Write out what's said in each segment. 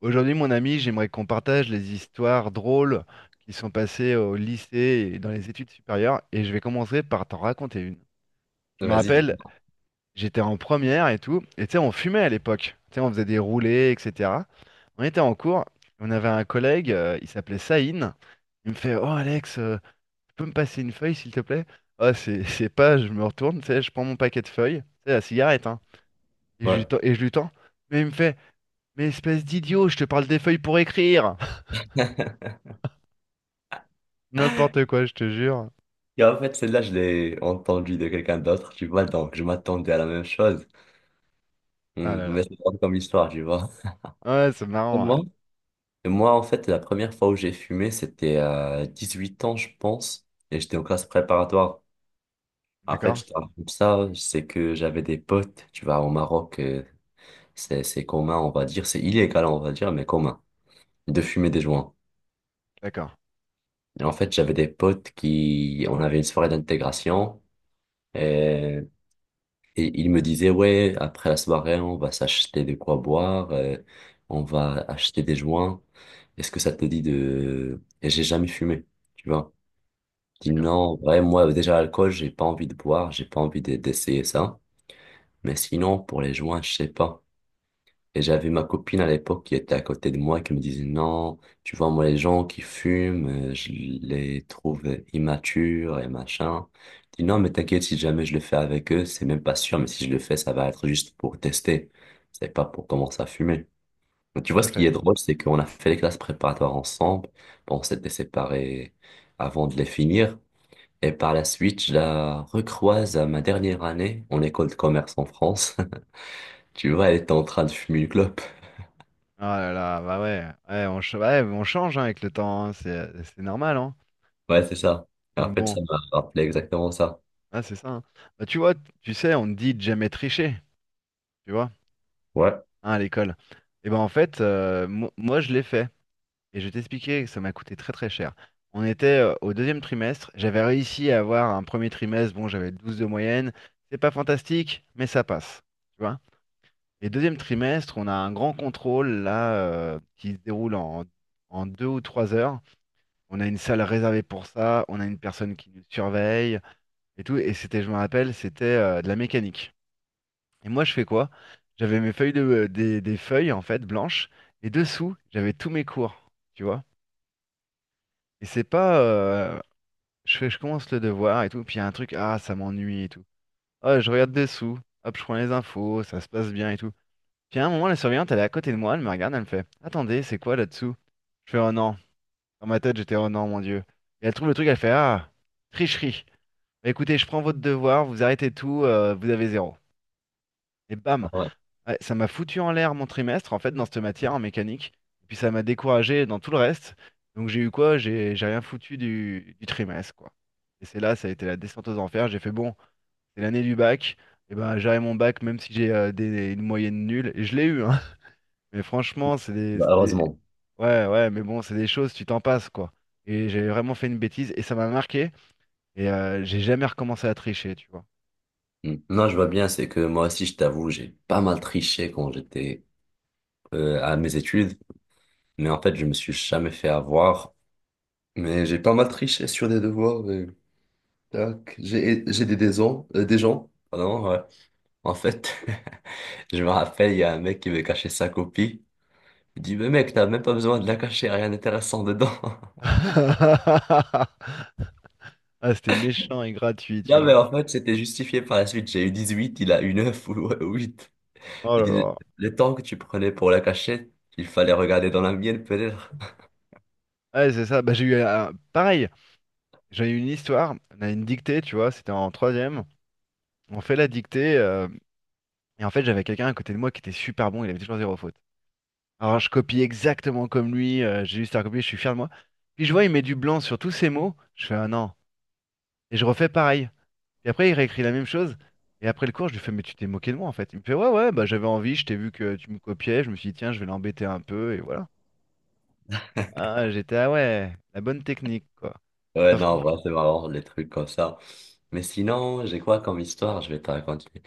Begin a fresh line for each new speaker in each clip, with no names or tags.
Aujourd'hui, mon ami, j'aimerais qu'on partage les histoires drôles qui sont passées au lycée et dans les études supérieures. Et je vais commencer par t'en raconter une. Je me
Vas-y,
rappelle,
dis-moi.
j'étais en première et tout. Et tu sais, on fumait à l'époque. Tu sais, on faisait des roulés, etc. On était en cours. On avait un collègue, il s'appelait Saïn. Il me fait, Oh Alex, tu peux me passer une feuille, s'il te plaît? Ah, c'est pas, je me retourne, tu sais, je prends mon paquet de feuilles, c'est la cigarette, hein. Et je lui
Ouais.
tends, et je lui tends. Mais il me fait, Mais espèce d'idiot, je te parle des feuilles pour écrire. N'importe quoi, je te jure.
Et en fait, celle-là, je l'ai entendue de quelqu'un d'autre, tu vois, donc je m'attendais à la même chose.
Ah là là.
Mais c'est drôle comme histoire, tu vois.
Ouais, c'est
Et
marrant, ouais.
moi, et moi, en fait, la première fois où j'ai fumé, c'était à 18 ans, je pense, et j'étais en classe préparatoire. En fait,
D'accord?
je te raconte ça, c'est que j'avais des potes, tu vois, au Maroc, c'est commun, on va dire, c'est illégal, on va dire, mais commun, de fumer des joints.
D'accord.
Et en fait, j'avais des potes qui, on avait une soirée d'intégration. Et il me disait, ouais, après la soirée, on va s'acheter de quoi boire, on va acheter des joints. Est-ce que ça te dit? Et j'ai jamais fumé, tu vois. Je dis
D'accord.
non, ouais, moi, déjà, l'alcool, j'ai pas envie de boire, j'ai pas envie d'essayer ça. Mais sinon, pour les joints, je sais pas. Et j'avais ma copine à l'époque qui était à côté de moi qui me disait non, tu vois, moi, les gens qui fument, je les trouve immatures et machin. Je dis non, mais t'inquiète, si jamais je le fais avec eux, c'est même pas sûr, mais si je le fais, ça va être juste pour tester. C'est pas pour commencer à fumer. Mais tu vois,
Tout à
ce qui
fait.
est drôle, c'est qu'on a fait les classes préparatoires ensemble. Bon, on s'était séparés avant de les finir. Et par la suite, je la recroise à ma dernière année en école de commerce en France. Tu vois, elle était en train de fumer une clope.
Ah là là, bah ouais. Ouais, ouais, on change, hein, avec le temps, hein. C'est normal, hein.
Ouais, c'est ça. Et en
Donc
fait,
bon,
ça m'a rappelé exactement ça.
ah, c'est ça, hein. Bah, tu vois, tu sais, on te dit de jamais tricher, tu vois,
Ouais.
hein, à l'école. Et ben en fait, moi je l'ai fait. Et je vais t'expliquer que ça m'a coûté très très cher. On était au deuxième trimestre. J'avais réussi à avoir un premier trimestre. Bon, j'avais 12 de moyenne. C'est pas fantastique, mais ça passe, tu vois. Et deuxième trimestre, on a un grand contrôle là, qui se déroule en 2 ou 3 heures. On a une salle réservée pour ça, on a une personne qui nous surveille et tout. Et c'était, je me rappelle, c'était de la mécanique. Et moi, je fais quoi? J'avais mes feuilles des feuilles en fait blanches et dessous, j'avais tous mes cours, tu vois. Et c'est pas, je fais, je commence le devoir et tout, puis il y a un truc, ah, ça m'ennuie et tout. Ah, je regarde dessous, hop, je prends les infos, ça se passe bien et tout. Puis à un moment, la surveillante, elle est à côté de moi, elle me regarde, elle me fait «Attendez, c'est quoi là-dessous?» Je fais «Oh non». Dans ma tête, j'étais «Oh non, mon Dieu». Et elle trouve le truc, elle fait «Ah, tricherie». Bah, écoutez, je prends votre devoir, vous arrêtez tout, vous avez zéro. Et
Ah
bam!
ouais.
Ouais, ça m'a foutu en l'air mon trimestre, en fait, dans cette matière, en mécanique. Et puis ça m'a découragé dans tout le reste. Donc j'ai eu quoi? J'ai rien foutu du trimestre, quoi. Et c'est là, ça a été la descente aux enfers. J'ai fait «Bon, c'est l'année du bac». Et ben, j'aurai mon bac, même si j'ai une moyenne nulle. Et je l'ai eu, hein. Mais franchement.
Bah, heureusement.
Ouais, ouais, mais bon, c'est des choses, tu t'en passes, quoi. Et j'ai vraiment fait une bêtise et ça m'a marqué. Et j'ai jamais recommencé à tricher, tu vois.
Mm. Non, je vois bien, c'est que moi aussi, je t'avoue, j'ai pas mal triché quand j'étais à mes études, mais en fait, je me suis jamais fait avoir. Mais j'ai pas mal triché sur des devoirs. Tac. J'ai des gens. Pardon, ouais. En fait, je me rappelle, il y a un mec qui veut cacher sa copie. Il dit, mais mec, t'as même pas besoin de la cacher, rien d'intéressant dedans.
Ah, c'était méchant et gratuit, tu
Non, mais
vois.
en fait, c'était justifié par la suite. J'ai eu 18, il a eu 9 ou 8.
Oh
Il
là
dit,
là.
le temps que tu prenais pour la cachette, il fallait regarder dans la mienne, peut-être.
Ouais, c'est ça. Bah, j'ai eu un... Pareil, j'ai eu une histoire. On a une dictée, tu vois. C'était en troisième. On fait la dictée. Et en fait, j'avais quelqu'un à côté de moi qui était super bon. Il avait toujours zéro faute. Alors, je copie exactement comme lui. J'ai juste à copier. Je suis fier de moi. Puis je vois, il met du blanc sur tous ses mots. Je fais, ah non. Et je refais pareil. Et après, il réécrit la même chose. Et après le cours, je lui fais, mais tu t'es moqué de moi en fait. Il me fait, ouais, ouais, bah j'avais envie, je t'ai vu que tu me copiais, je me suis dit, tiens, je vais l'embêter un peu, et voilà. Ah, j'étais, ah ouais, la bonne technique, quoi.
Ouais,
Ah,
non, bah,
franchement,
c'est marrant, les trucs comme ça. Mais sinon, j'ai quoi comme histoire? Je vais te raconter.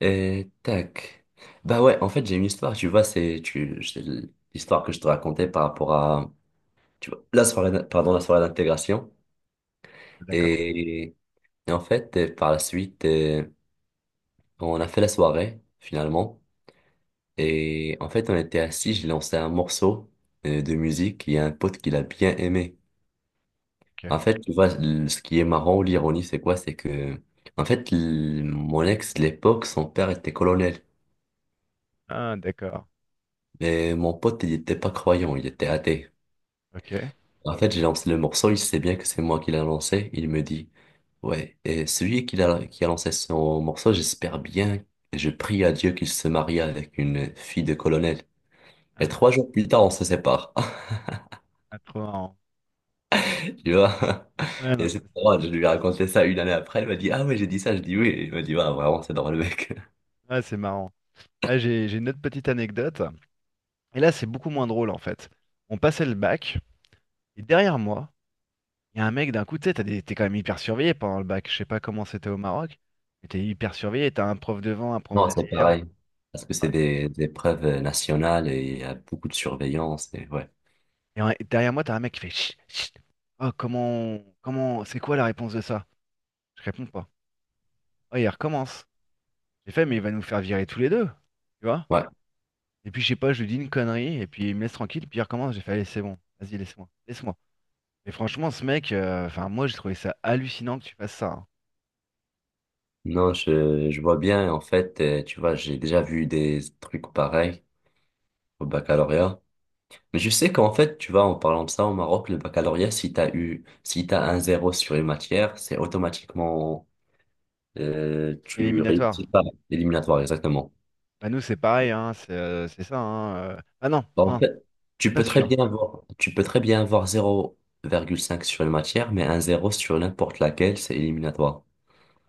Et tac. Bah ouais, en fait, j'ai une histoire, tu vois, c'est l'histoire que je te racontais par rapport à, tu vois, la soirée d'intégration.
d'accord,
Et, et en fait, par la suite, on a fait la soirée, finalement. Et en fait, on était assis, j'ai lancé un morceau de musique et il y a un pote qui l'a bien aimé.
ok.
En fait, tu vois, ce qui est marrant ou l'ironie, c'est quoi? C'est que, en fait, mon ex, de l'époque, son père était colonel.
Ah, d'accord,
Mais mon pote, il était pas croyant, il était athée.
ok.
En fait, j'ai lancé le morceau, il sait bien que c'est moi qui l'ai lancé. Il me dit, ouais, et celui qui a lancé son morceau, j'espère bien, et je prie à Dieu qu'il se marie avec une fille de colonel. Et
Ah,
3 jours plus tard, on se sépare.
ah, trop marrant.
Tu vois?
Ouais, non,
Et c'est
c'est ça.
drôle, je lui ai raconté ça une année après, elle m'a dit, ah ouais, j'ai dit ça, je dis oui. Il m'a dit, ouais, vraiment, c'est drôle, mec.
Ah, c'est marrant. Ah, j'ai une autre petite anecdote. Et là, c'est beaucoup moins drôle en fait. On passait le bac, et derrière moi, il y a un mec, d'un coup, tu sais, t'es quand même hyper surveillé pendant le bac. Je sais pas comment c'était au Maroc, mais t'es hyper surveillé. T'as un prof devant, un prof
Non, c'est
derrière.
pareil. Parce que c'est des preuves nationales et il y a beaucoup de surveillance et ouais.
Et derrière moi, t'as un mec qui fait Chut, chut. Oh, comment, c'est quoi la réponse de ça? Je réponds pas. Oh, il recommence. J'ai fait, mais il va nous faire virer tous les deux. Tu vois?
Ouais.
Et puis, je sais pas, je lui dis une connerie, et puis il me laisse tranquille, puis il recommence. J'ai fait, allez, c'est bon. Vas-y, laisse-moi. Laisse-moi. Et franchement, ce mec, enfin, moi, j'ai trouvé ça hallucinant que tu fasses ça, hein.
Non, je vois bien. En fait, tu vois, j'ai déjà vu des trucs pareils au baccalauréat. Mais je sais qu'en fait, tu vois, en parlant de ça, au Maroc, le baccalauréat, si t'as un zéro sur une matière, c'est automatiquement, tu réussis
Éliminatoire.
pas l'éliminatoire, exactement.
Bah, nous, c'est pareil, hein. C'est ça, hein. Ah non,
Bon, en
non.
fait,
Je suis pas sûr.
tu peux très bien avoir 0,5 sur une matière, mais un zéro sur n'importe laquelle, c'est éliminatoire.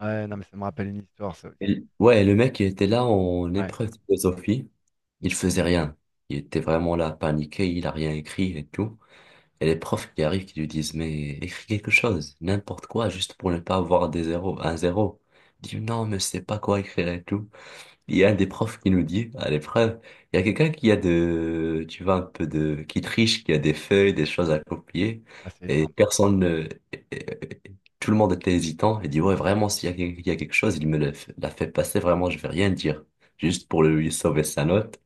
Ouais, non, mais ça me rappelle une histoire, ça aussi.
Ouais, le mec, il était là en
Ouais,
épreuve de philosophie. Il faisait rien. Il était vraiment là, paniqué, il a rien écrit et tout. Et les profs qui arrivent, qui lui disent, mais écris quelque chose, n'importe quoi, juste pour ne pas avoir des zéros, un zéro. Il dit, non, mais je sais pas quoi écrire et tout. Il y a un des profs qui nous dit à l'épreuve, il y a quelqu'un qui a de, tu vois, un peu de, qui triche, qui a des feuilles, des choses à copier,
ah, c'est
et
énorme.
personne, et tout le monde était hésitant, et dit, ouais, vraiment, s'il y a, il y a quelque chose, il me la fait passer, vraiment, je vais rien dire, juste pour lui sauver sa note.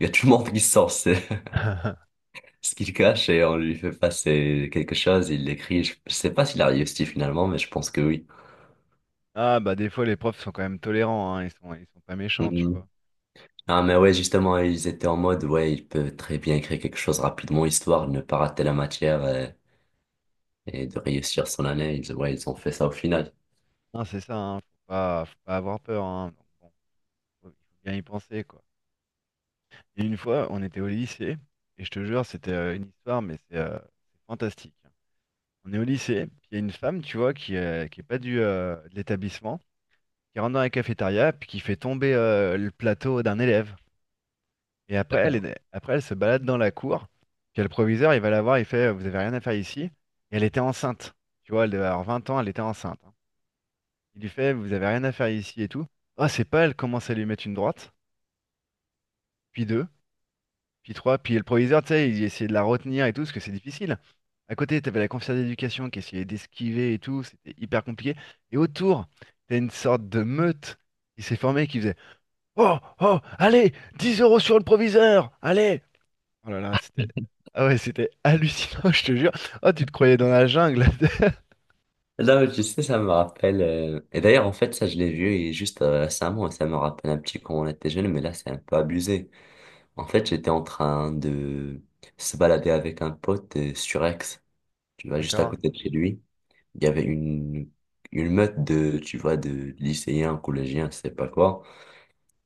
Il y a tout le monde qui sort ce, ce qu'il cache, et on lui fait passer quelque chose, il l'écrit, je sais pas s'il a réussi finalement, mais je pense que oui.
Ah, bah, des fois, les profs sont quand même tolérants, hein. Ils sont pas méchants, tu
Mm.
vois.
Ah, mais ouais, justement, ils étaient en mode, ouais, il peut très bien créer quelque chose rapidement, histoire de ne pas rater la matière et, de réussir son année. Ils, ouais, ils ont fait ça au final.
Non, c'est ça, hein. Faut pas avoir peur, hein. Donc, bon, il faut bien y penser, quoi. Et une fois, on était au lycée, et je te jure, c'était une histoire, mais c'est fantastique. On est au lycée, puis il y a une femme, tu vois, qui est pas de l'établissement, qui rentre dans la cafétéria, puis qui fait tomber le plateau d'un élève. Et après,
D'accord.
après, elle se balade dans la cour. Puis le proviseur, il va la voir, il fait, vous avez rien à faire ici. Et elle était enceinte. Tu vois, elle devait avoir 20 ans, elle était enceinte, hein. Il lui fait, vous avez rien à faire ici et tout. Ah, c'est pas, elle commence à lui mettre une droite, puis deux, puis trois. Puis le proviseur, tu sais, il essayait de la retenir et tout, parce que c'est difficile. À côté, t'avais la conseillère d'éducation qui essayait d'esquiver et tout, c'était hyper compliqué. Et autour, t'as une sorte de meute qui s'est formée qui faisait, oh, oh, allez, 10 euros sur le proviseur, allez. Oh là là, c'était. Ah ouais, c'était hallucinant, je te jure. Oh, tu te croyais dans la jungle.
Là, tu sais, ça me rappelle. Et d'ailleurs, en fait, ça, je l'ai vu et juste récemment, et ça me rappelle un petit quand on était jeune, mais là, c'est un peu abusé. En fait, j'étais en train de se balader avec un pote sur Aix, tu vois, juste à
D'accord.
côté de chez lui. Il y avait une meute de, tu vois, de lycéens, collégiens, je sais pas quoi.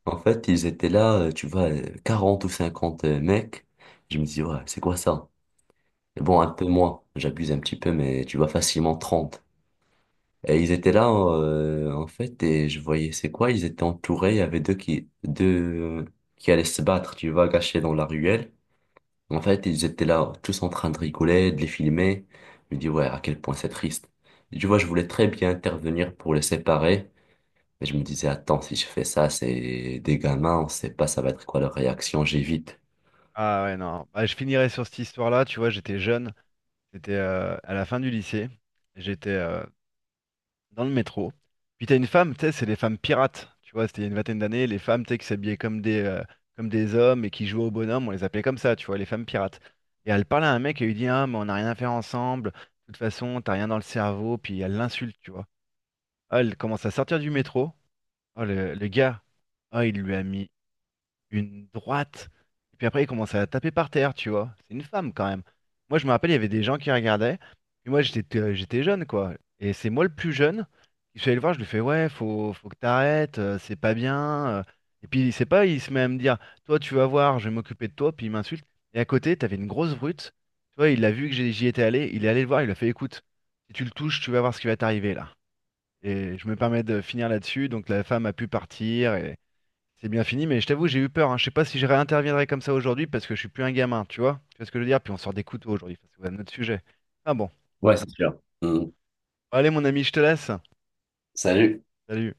En fait, ils étaient là, tu vois, 40 ou 50 mecs. Je me dis, ouais, c'est quoi ça? Et bon, un peu moins, j'abuse un petit peu, mais tu vois, facilement 30. Et ils étaient là, en fait, et je voyais, c'est quoi? Ils étaient entourés, il y avait deux euh, qui allaient se battre, tu vois, cachés dans la ruelle. En fait, ils étaient là, tous en train de rigoler, de les filmer. Je me dis, ouais, à quel point c'est triste. Et tu vois, je voulais très bien intervenir pour les séparer, mais je me disais, attends, si je fais ça, c'est des gamins, on sait pas ça va être quoi leur réaction, j'évite.
Ah ouais, non. Bah, je finirai sur cette histoire-là. Tu vois, j'étais jeune. C'était à la fin du lycée. J'étais dans le métro. Puis t'as une femme, tu sais, c'est les femmes pirates. Tu vois, c'était il y a une vingtaine d'années. Les femmes, tu sais, qui s'habillaient comme des hommes et qui jouaient au bonhomme. On les appelait comme ça, tu vois, les femmes pirates. Et elle parlait à un mec et lui dit, Ah, mais on n'a rien à faire ensemble. De toute façon, t'as rien dans le cerveau. Puis elle l'insulte, tu vois. Ah, elle commence à sortir du métro. Oh, le gars, ah, il lui a mis une droite. Et puis après, il commençait à taper par terre, tu vois. C'est une femme quand même. Moi, je me rappelle, il y avait des gens qui regardaient. Et moi, j'étais jeune, quoi. Et c'est moi le plus jeune. Je suis allé le voir, je lui fais, ouais, faut que t'arrêtes, c'est pas bien. Et puis, il sait pas, il se met à me dire, toi, tu vas voir, je vais m'occuper de toi. Puis il m'insulte. Et à côté, t'avais une grosse brute. Tu vois, il a vu que j'y étais allé. Il est allé le voir, il a fait, écoute, si tu le touches, tu vas voir ce qui va t'arriver là. Et je me permets de finir là-dessus. Donc, la femme a pu partir. C'est bien fini, mais je t'avoue, j'ai eu peur, hein. Je sais pas si je réinterviendrai comme ça aujourd'hui parce que je suis plus un gamin, tu vois? Tu vois ce que je veux dire? Puis on sort des couteaux aujourd'hui, ça c'est quand même notre sujet. Ah bon.
Ouais, c'est sûr. Mm.
Bon, allez, mon ami, je te laisse.
Salut.
Salut.